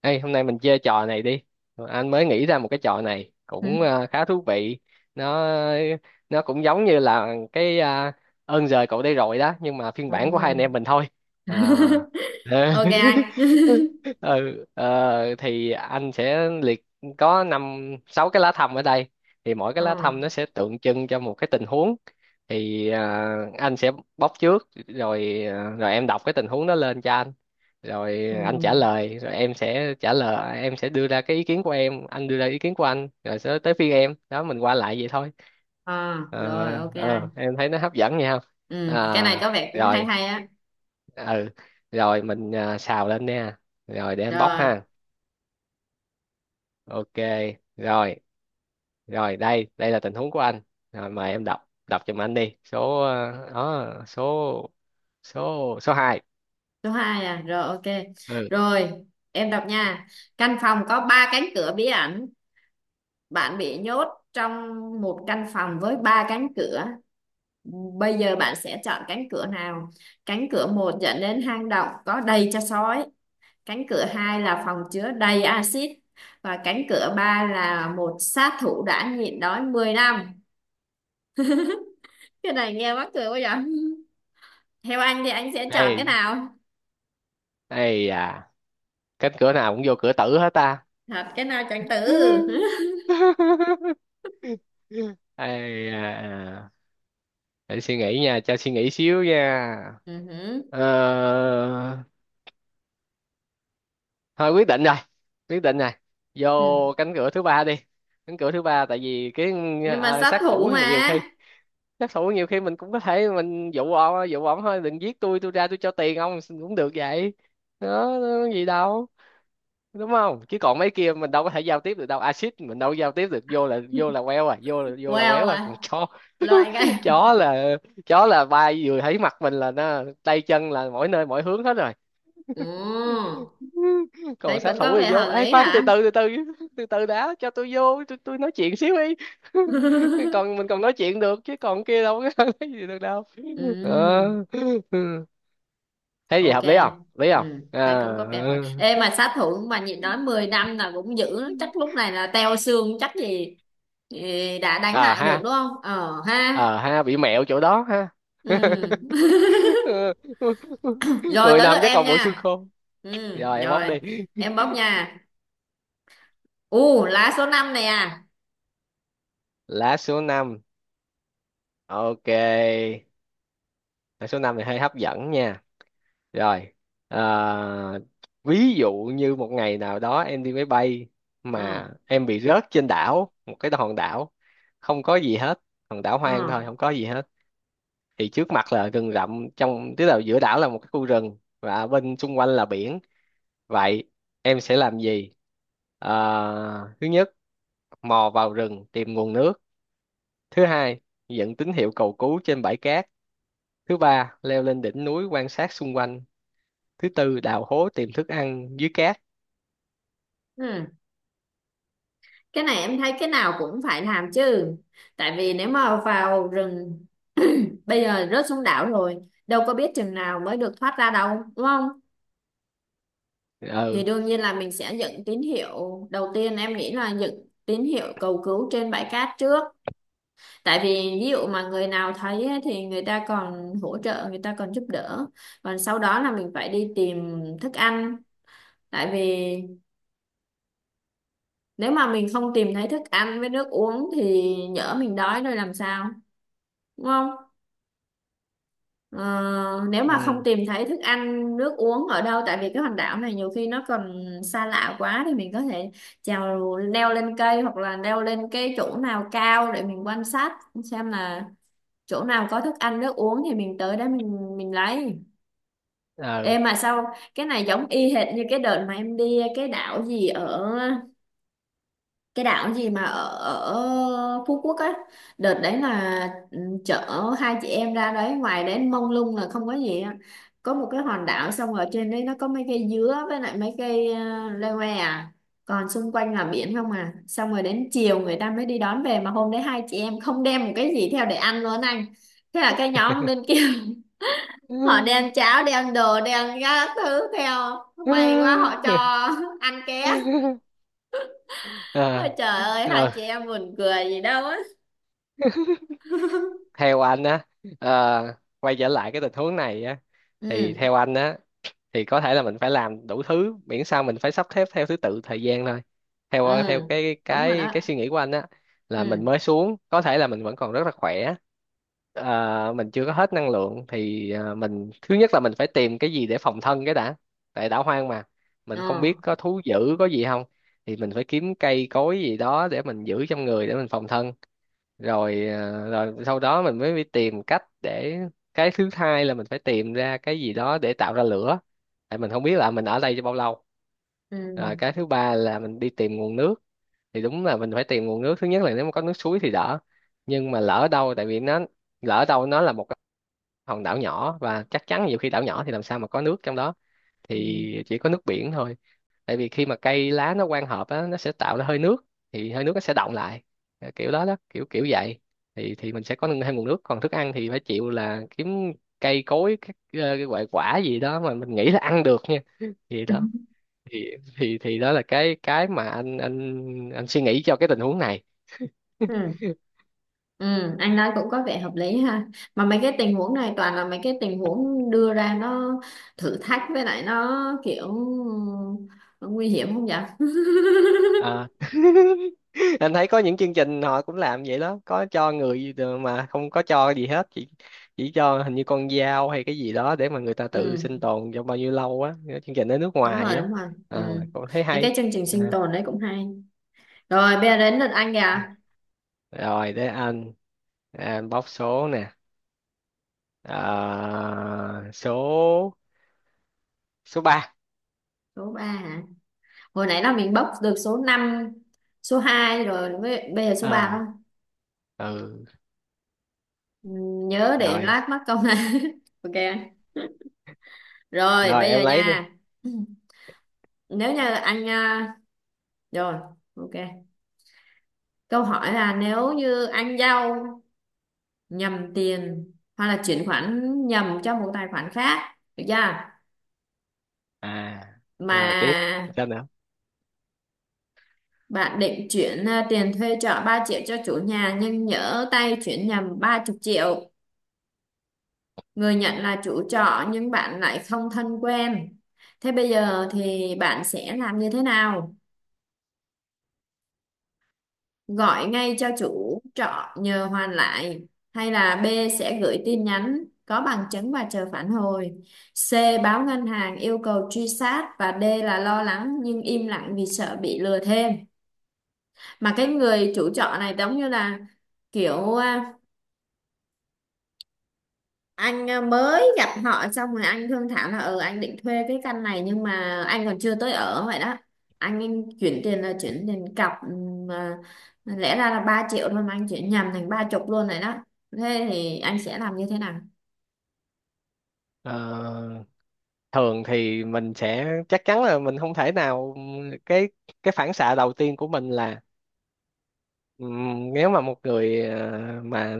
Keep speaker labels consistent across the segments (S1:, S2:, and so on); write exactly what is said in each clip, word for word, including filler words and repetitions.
S1: Ê, hôm nay mình chơi trò này đi. Anh mới nghĩ ra một cái trò này
S2: Ừ.
S1: cũng ờ, khá thú vị. Nó nó cũng giống như là cái ờ, ơn giời cậu đây rồi đó, nhưng mà phiên
S2: Ừ.
S1: bản của hai anh em mình thôi. À. Ờ.
S2: ok anh
S1: Ừ, ờ, thì anh sẽ liệt có năm sáu cái lá thăm ở đây. Thì mỗi cái
S2: ừ.
S1: lá thăm nó sẽ tượng trưng cho một cái tình huống. Thì ờ, anh sẽ bóc trước, rồi ờ, rồi em đọc cái tình huống đó lên cho anh, rồi anh trả
S2: Ừ.
S1: lời, rồi em sẽ trả lời, em sẽ đưa ra cái ý kiến của em, anh đưa ra ý kiến của anh, rồi sẽ tới phiên em đó, mình qua lại vậy thôi.
S2: À,
S1: ờ
S2: rồi ok anh
S1: ờ, em thấy nó hấp dẫn nha không?
S2: ừ. Cái này
S1: À,
S2: có vẻ cũng hay
S1: rồi.
S2: hay á.
S1: Ừ. Rồi mình à, xào lên nha. Rồi để em bóc
S2: Rồi,
S1: ha. Ok, rồi rồi đây đây là tình huống của anh. Rồi mời em đọc đọc giùm anh đi. Số à, đó, số số số hai.
S2: số hai à? Rồi ok,
S1: Ừ.
S2: rồi em đọc nha. Căn phòng có ba cánh cửa bí ẩn. Bạn bị nhốt trong một căn phòng với ba cánh cửa. Bây giờ bạn sẽ chọn cánh cửa nào? Cánh cửa một dẫn đến hang động có đầy cho sói, cánh cửa hai là phòng chứa đầy axit, và cánh cửa ba là một sát thủ đã nhịn đói mười năm. Cái này nghe mắc cười quá vậy. Theo anh thì anh sẽ chọn cái
S1: đây
S2: nào?
S1: đây à? Cánh cửa nào cũng vô cửa tử hết ta.
S2: Thật, cái nào chọn tử
S1: Ai à, à. Để suy nghĩ nha, cho suy nghĩ xíu nha.
S2: Ừ hử.
S1: Ờ, thôi, quyết định rồi, quyết định rồi, vô
S2: Ừ.
S1: cánh cửa thứ ba đi. Cánh cửa thứ ba tại vì cái,
S2: Nhưng mà
S1: à,
S2: sát
S1: sát
S2: thủ
S1: thủ thì nhiều
S2: mà.
S1: khi, sát thủ nhiều khi mình cũng có thể mình dụ ông, dụ ông thôi đừng giết tôi tôi ra tôi cho tiền ông cũng được vậy đó. Đó, có gì đâu, đúng không? Chứ còn mấy kia mình đâu có thể giao tiếp được đâu, axit mình đâu có giao tiếp được, vô là vô là queo à, vô là vô là
S2: well
S1: quéo à, còn
S2: à
S1: chó
S2: loại cái.
S1: chó là chó là bay vừa thấy mặt mình là nó tay chân là mỗi nơi mỗi hướng hết rồi.
S2: Ừ.
S1: Còn
S2: Thấy
S1: sát
S2: cũng có
S1: thủ
S2: vẻ
S1: thì vô,
S2: hợp
S1: ê
S2: lý
S1: khoan, từ
S2: hả.
S1: từ từ từ từ từ đã, cho tôi vô, tôi, tôi nói chuyện xíu đi. Còn mình còn nói chuyện được, chứ còn kia đâu có nói gì được đâu. Ờ.
S2: Ừ.
S1: Thấy gì
S2: Ok.
S1: hợp lý không, hợp lý
S2: Ừ,
S1: không?
S2: thấy
S1: À,
S2: cũng có vẻ. Rồi ê mà sát thủ mà nhịn nói mười năm là cũng dữ lắm. Chắc lúc này là teo xương chắc gì, gì đã đánh
S1: à
S2: lại được
S1: ha.
S2: đúng không? Ờ ha.
S1: Ờ ha, bị mẹo chỗ đó ha.
S2: Ừ. Rồi
S1: mười
S2: tới
S1: năm
S2: lượt
S1: chắc
S2: em
S1: còn bộ xương
S2: nha.
S1: khô.
S2: Ừ,
S1: Rồi em bóc
S2: rồi
S1: đi.
S2: em bóc nha. U, lá số năm này à.
S1: Lá số năm. Ok. Lá số năm thì hơi hấp dẫn nha. Rồi ờ, ví dụ như một ngày nào đó em đi máy bay mà
S2: Ừ,
S1: em bị rớt trên đảo, một cái hòn đảo không có gì hết, hòn đảo hoang thôi,
S2: ừ,
S1: không có gì hết, thì trước mặt là rừng rậm, trong tức là giữa đảo là một cái khu rừng và bên xung quanh là biển. Vậy em sẽ làm gì? À, thứ nhất, mò vào rừng tìm nguồn nước. Thứ hai, dựng tín hiệu cầu cứu trên bãi cát. Thứ ba, leo lên đỉnh núi quan sát xung quanh. Thứ tư, đào hố tìm thức ăn dưới cát.
S2: ừ. Cái này em thấy cái nào cũng phải làm chứ. Tại vì nếu mà vào rừng, bây giờ rớt xuống đảo rồi, đâu có biết chừng nào mới được thoát ra đâu đúng không? Thì
S1: Ừ.
S2: đương nhiên là mình sẽ dựng tín hiệu đầu tiên. Em nghĩ là dựng tín hiệu cầu cứu trên bãi cát trước, tại vì ví dụ mà người nào thấy ấy, thì người ta còn hỗ trợ, người ta còn giúp đỡ. Còn sau đó là mình phải đi tìm thức ăn, tại vì nếu mà mình không tìm thấy thức ăn với nước uống thì nhỡ mình đói rồi làm sao, đúng không? Ờ, nếu mà không
S1: Ừ.
S2: tìm thấy thức ăn nước uống ở đâu, tại vì cái hòn đảo này nhiều khi nó còn xa lạ quá, thì mình có thể trèo leo lên cây hoặc là leo lên cái chỗ nào cao để mình quan sát xem là chỗ nào có thức ăn nước uống thì mình tới đó mình mình lấy. Ê mà sao cái này giống y hệt như cái đợt mà em đi cái đảo gì ở, cái đảo gì mà ở, ở Phú Quốc á. Đợt đấy là, ừ, chở hai chị em ra đấy, ngoài đấy mông lung là không có gì á. Có một cái hòn đảo xong ở trên đấy nó có mấy cây dứa với lại mấy cây uh, leo que à, còn xung quanh là biển không à. Xong rồi đến chiều người ta mới đi đón về, mà hôm đấy hai chị em không đem một cái gì theo để ăn luôn anh. Thế là cái nhóm bên kia họ đem cháo, đem đồ, đem các thứ theo.
S1: Ừ.
S2: May quá họ cho ăn ké. Ôi
S1: Ờ,
S2: trời ơi, hai
S1: ờ.
S2: chị em buồn cười gì đâu á.
S1: Theo anh á, ờ, quay trở lại cái tình huống này á, thì
S2: Ừ.
S1: theo anh á, thì có thể là mình phải làm đủ thứ, miễn sao mình phải sắp xếp theo thứ tự thời gian thôi.
S2: Ừ,
S1: Theo theo cái
S2: đúng rồi
S1: cái
S2: đó.
S1: cái suy nghĩ của anh á, là mình mới
S2: Ừ.
S1: xuống có thể là mình vẫn còn rất là khỏe, ờ, mình chưa có hết năng lượng, thì ờ, mình, thứ nhất là mình phải tìm cái gì để phòng thân cái đã, tại đảo hoang mà, mình không biết
S2: Ừ.
S1: có thú dữ có gì không, thì mình phải kiếm cây cối gì đó để mình giữ trong người để mình phòng thân. Rồi ờ, rồi sau đó mình mới đi tìm cách để, cái thứ hai là mình phải tìm ra cái gì đó để tạo ra lửa, tại mình không biết là mình ở đây cho bao lâu. Rồi cái
S2: Ừ.
S1: thứ ba là mình đi tìm nguồn nước. Thì đúng là mình phải tìm nguồn nước, thứ nhất là nếu mà có nước suối thì đỡ, nhưng mà lỡ đâu, tại vì nó, lỡ đâu nó là một cái hòn đảo nhỏ, và chắc chắn, nhiều khi đảo nhỏ thì làm sao mà có nước trong đó, thì
S2: Ừ.
S1: chỉ có nước biển thôi. Tại vì khi mà cây lá nó quang hợp á, nó sẽ tạo ra hơi nước, thì hơi nước nó sẽ đọng lại. Ờ, kiểu đó đó, kiểu kiểu vậy, thì thì mình sẽ có thêm nguồn nước. Còn thức ăn thì phải chịu, là kiếm cây cối, các ờ, cái quả quả gì đó mà mình nghĩ là ăn được nha. Thì đó, thì thì thì đó là cái cái mà anh anh anh suy nghĩ cho cái tình huống này.
S2: Ừ. Ừ. Anh nói cũng có vẻ hợp lý ha. Mà mấy cái tình huống này toàn là mấy cái tình huống đưa ra nó thử thách, với lại nó kiểu nó nguy hiểm không vậy.
S1: Anh thấy có những chương trình họ cũng làm vậy đó, có cho người mà không có cho gì hết, chỉ chỉ cho hình như con dao hay cái gì đó để mà người ta tự sinh
S2: Ừ,
S1: tồn trong bao nhiêu lâu á. Cái chương trình ở nước
S2: đúng rồi,
S1: ngoài á.
S2: đúng rồi.
S1: À,
S2: Ừ,
S1: cũng thấy
S2: mấy
S1: hay.
S2: cái chương trình sinh
S1: À.
S2: tồn đấy cũng hay. Rồi bây giờ đến lượt anh kìa.
S1: Rồi để anh, Ờ, anh bóc số nè. À, số số ba.
S2: Số ba hả? Hồi nãy là mình bốc được số năm, số hai rồi, với- bây giờ số ba.
S1: À, ừ,
S2: Ừ, nhớ để
S1: rồi
S2: lát mắc công này. Ok, rồi
S1: rồi
S2: bây
S1: em
S2: giờ
S1: lấy đi.
S2: nha. Nếu như anh à, rồi ok, câu hỏi là nếu như anh giao nhầm tiền hoặc là chuyển khoản nhầm cho một tài khoản khác được chưa,
S1: À,
S2: mà
S1: rồi, tiếp sao nữa?
S2: bạn định chuyển à, tiền thuê trọ ba triệu cho chủ nhà, nhưng nhỡ tay chuyển nhầm ba chục triệu. Người nhận là chủ trọ nhưng bạn lại không thân quen. Thế bây giờ thì bạn sẽ làm như thế nào? Gọi ngay cho chủ trọ nhờ hoàn lại, hay là B, sẽ gửi tin nhắn có bằng chứng và chờ phản hồi, C, báo ngân hàng yêu cầu truy sát, và D là lo lắng nhưng im lặng vì sợ bị lừa thêm. Mà cái người chủ trọ này giống như là kiểu à, anh à, mới gặp họ xong, rồi anh thương thảo là ừ anh định thuê cái căn này nhưng mà anh còn chưa tới ở vậy đó. Anh chuyển tiền là chuyển tiền cọc, ừm, mà lẽ ra là ba triệu thôi mà anh chuyển nhầm thành ba chục luôn rồi đó. Thế thì anh sẽ làm như thế nào?
S1: Ờ, thường thì mình sẽ chắc chắn là mình không thể nào, cái cái phản xạ đầu tiên của mình là ừm, nếu mà một người ờ, mà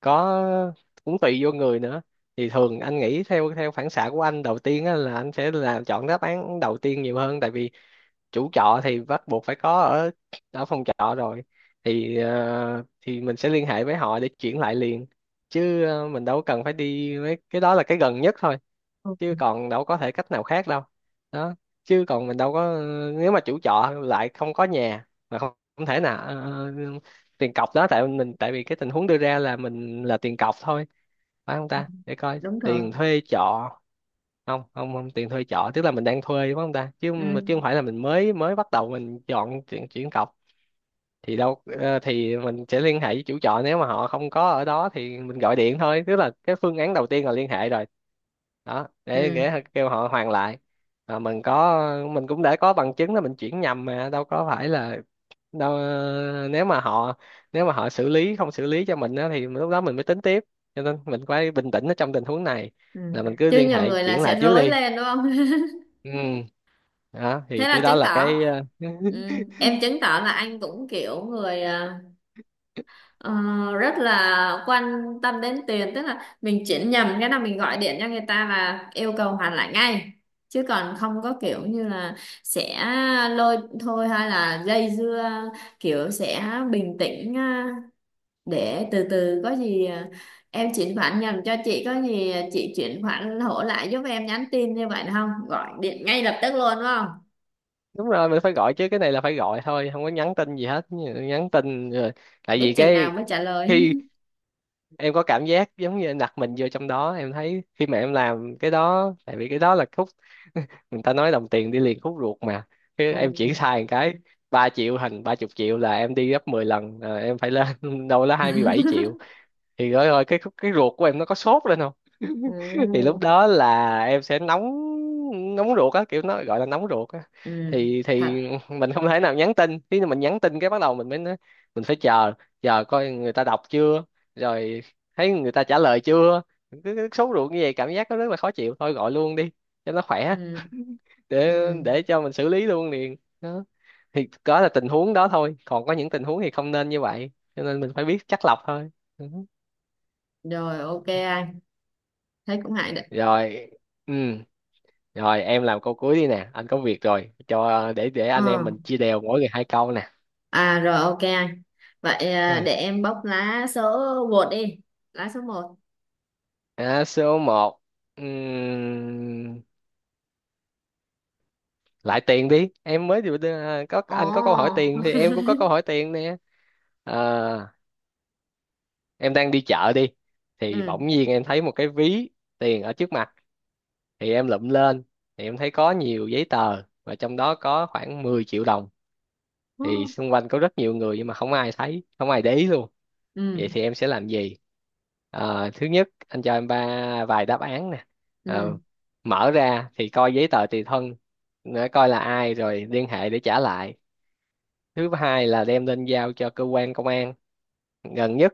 S1: có, cũng tùy vô người nữa. Thì thường anh nghĩ theo theo phản xạ của anh đầu tiên á, là anh sẽ là chọn đáp án đầu tiên nhiều hơn, tại vì chủ trọ thì bắt buộc phải có ở ở phòng trọ rồi, thì ờ, thì mình sẽ liên hệ với họ để chuyển lại liền. Chứ ờ, mình đâu cần phải đi mấy cái đó, là cái gần nhất thôi, chứ còn đâu có thể cách nào khác đâu. Đó. Chứ còn mình đâu có, nếu mà chủ trọ lại không có nhà mà không, không thể nào ờ, ờ, tiền cọc đó tại mình, tại vì cái tình huống đưa ra là mình là tiền cọc thôi, phải không ta? Để coi,
S2: Đúng rồi.
S1: tiền thuê trọ. Không, không, không, tiền thuê trọ tức là mình đang thuê đúng không ta? Chứ chứ không
S2: Ừ.
S1: phải là mình mới mới bắt đầu mình chọn chuyện chuyển cọc. Thì đâu, ờ, thì mình sẽ liên hệ với chủ trọ, nếu mà họ không có ở đó thì mình gọi điện thôi, tức là cái phương án đầu tiên là liên hệ rồi đó, để,
S2: Ừ.
S1: để kêu họ hoàn lại. Mà mình có, mình cũng đã có bằng chứng là mình chuyển nhầm, mà đâu có phải là đâu, ờ, nếu mà họ, nếu mà họ xử lý, không xử lý cho mình á, thì lúc đó mình mới tính tiếp. Cho nên mình phải bình tĩnh ở trong tình huống này,
S2: Ừ.
S1: là mình cứ
S2: Chứ
S1: liên
S2: nhiều
S1: hệ
S2: người là
S1: chuyển lại
S2: sẽ
S1: trước
S2: rối
S1: đi.
S2: lên đúng không.
S1: Ừ, đó thì
S2: Thế
S1: cái
S2: là
S1: đó
S2: chứng
S1: là
S2: tỏ,
S1: cái ờ,
S2: ừ, em chứng tỏ là anh cũng kiểu người ờ, ờ, rất là quan tâm đến tiền, tức là mình chuyển nhầm cái là mình gọi điện cho người ta là yêu cầu hoàn lại ngay, chứ còn không có kiểu như là sẽ lôi thôi hay là dây dưa, kiểu sẽ bình tĩnh à, để từ từ có gì à, em chuyển khoản nhầm cho chị, có gì chị chuyển khoản hỗ lại giúp em, nhắn tin như vậy được không, gọi điện ngay lập tức luôn đúng không,
S1: đúng rồi, mình phải gọi chứ, cái này là phải gọi thôi, không có nhắn tin gì hết, nhắn tin rồi, tại
S2: biết
S1: vì
S2: chừng nào
S1: cái
S2: mới trả lời.
S1: khi, em có cảm giác giống như em đặt mình vô trong đó, em thấy khi mà em làm cái đó, tại vì cái đó là khúc, người ta nói đồng tiền đi liền khúc ruột mà. Khi
S2: Ừ.
S1: em chuyển sai một cái, ba triệu thành ba chục triệu là em đi gấp mười lần, là em phải lên đâu đó hai mươi bảy triệu, thì rồi, rồi cái khúc, cái ruột của em nó có sốt lên, thì lúc
S2: Ừ.
S1: đó là em sẽ nóng, nóng ruột á, kiểu nó gọi là nóng ruột á.
S2: Ừ,
S1: thì
S2: thật.
S1: thì mình không thể nào nhắn tin, khi mình nhắn tin cái bắt đầu mình mới nói, mình phải chờ, chờ coi người ta đọc chưa, rồi thấy người ta trả lời chưa, cứ cứ sốt ruột như vậy, cảm giác nó rất là khó chịu. Thôi gọi luôn đi cho nó khỏe,
S2: Ừ. Ừ.
S1: để để cho mình xử lý luôn liền đó. Thì đó là tình huống đó thôi, còn có những tình huống thì không nên như vậy, cho nên mình phải biết chắt lọc thôi. Ừ.
S2: Rồi ok anh, thấy cũng ngại đấy.
S1: Rồi. Ừ. Rồi em làm câu cuối đi nè, anh có việc rồi. Cho để để anh
S2: Ờ,
S1: em mình chia đều mỗi người hai câu nè.
S2: à rồi ok anh. Vậy à,
S1: Ừ.
S2: để em bóc lá số một đi, lá số một.
S1: À, số một. Lại tiền đi. Em mới được à, có anh có câu hỏi
S2: Ồ.
S1: tiền thì em cũng có câu hỏi tiền nè. À, em đang đi chợ đi thì
S2: Ừ.
S1: bỗng nhiên em thấy một cái ví tiền ở trước mặt, thì em lụm lên, thì em thấy có nhiều giấy tờ và trong đó có khoảng mười triệu đồng.
S2: Ừ.
S1: Thì xung quanh có rất nhiều người nhưng mà không ai thấy, không ai để ý luôn. Vậy
S2: Ừ.
S1: thì em sẽ làm gì? Ờ, thứ nhất, anh cho em ba vài đáp án nè. Ờ,
S2: Ừ.
S1: mở ra thì coi giấy tờ tùy thân để coi là ai rồi liên hệ để trả lại. Thứ hai là đem lên giao cho cơ quan công an gần nhất.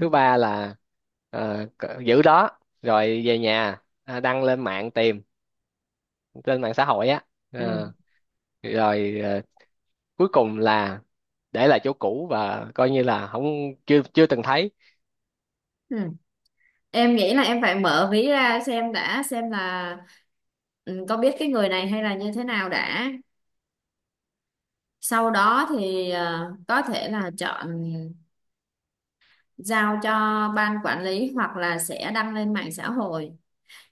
S1: Thứ ba là ờ, c- giữ đó rồi về nhà à, đăng lên mạng tìm trên mạng xã hội á. Ờ,
S2: Ừ.
S1: rồi ờ, cuối cùng là để lại chỗ cũ và coi như là không, chưa chưa từng thấy.
S2: Ừ. Em nghĩ là em phải mở ví ra xem đã, xem là, ừ, có biết cái người này hay là như thế nào đã. Sau đó thì ờ, có thể là chọn giao cho ban quản lý hoặc là sẽ đăng lên mạng xã hội.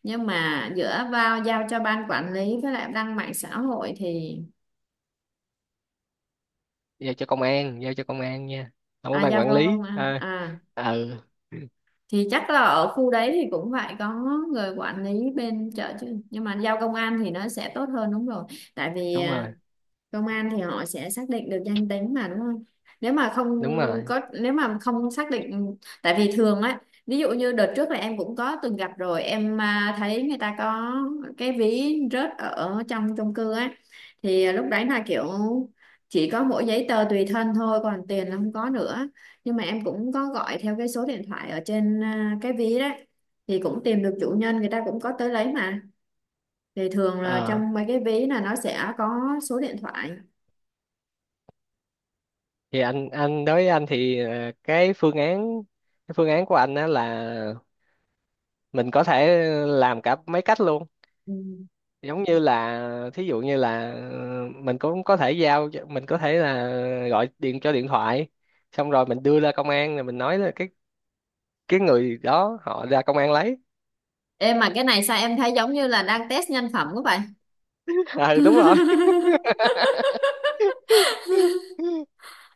S2: Nhưng mà giữa vào giao cho ban quản lý với lại đăng mạng xã hội thì,
S1: Giao cho công an, giao cho công an nha, không có
S2: à
S1: ban
S2: giao
S1: quản
S2: cho công
S1: lý
S2: an
S1: à.
S2: à?
S1: Ừ,
S2: Thì chắc là ở khu đấy thì cũng phải có người quản lý bên chợ chứ, nhưng mà giao công an thì nó sẽ tốt hơn, đúng rồi. Tại vì
S1: đúng
S2: à,
S1: rồi,
S2: công an thì họ sẽ xác định được danh tính mà đúng không. Nếu mà không
S1: đúng rồi.
S2: có, nếu mà không xác định, tại vì thường á, ví dụ như đợt trước là em cũng có từng gặp rồi. Em à, thấy người ta có cái ví rớt ở trong chung cư á, thì lúc đấy là kiểu chỉ có mỗi giấy tờ tùy thân thôi, còn tiền là không có nữa. Nhưng mà em cũng có gọi theo cái số điện thoại ở trên à, cái ví đấy, thì cũng tìm được chủ nhân, người ta cũng có tới lấy mà. Thì thường là
S1: Ờ,
S2: trong mấy cái ví là nó sẽ có số điện thoại.
S1: thì anh anh đối với anh thì ờ, cái phương án, cái phương án của anh á là mình có thể làm cả mấy cách luôn.
S2: Ừ.
S1: Giống như là thí dụ như là ờ, mình cũng có thể giao cho, mình có thể là gọi điện cho điện thoại, xong rồi mình đưa ra công an, rồi mình nói là cái cái người đó họ ra công an lấy.
S2: Em mà cái này sao em thấy giống như là đang test nhân phẩm của vậy?
S1: Ừ, đúng rồi.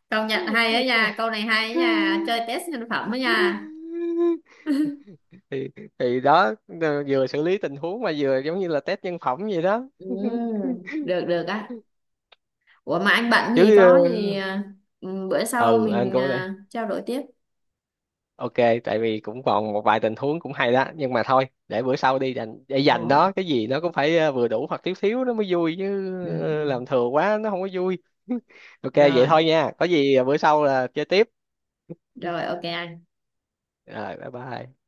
S2: Công nhận hay ấy nha, câu này hay á nha, chơi test nhân phẩm ấy nha.
S1: thì thì đó, ờ, vừa xử lý tình huống mà vừa giống như là test nhân phẩm vậy đó.
S2: Ừ, được được á. Ủa mà anh bận gì
S1: Chứ ờ,
S2: có gì à, ừ, bữa sau
S1: ừ anh
S2: mình
S1: cũng này.
S2: à, trao đổi tiếp.
S1: Ok, tại vì cũng còn một vài tình huống cũng hay đó, nhưng mà thôi để bữa sau đi, dành để
S2: Ừ.
S1: dành đó, cái gì nó cũng phải ờ, vừa đủ hoặc thiếu thiếu nó mới vui chứ.
S2: Ừ,
S1: ờ,
S2: ừ.
S1: làm thừa quá nó không có vui. Ok vậy
S2: Rồi,
S1: thôi nha, có gì ờ, bữa sau là chơi tiếp.
S2: rồi ok anh.
S1: Rồi bye bye.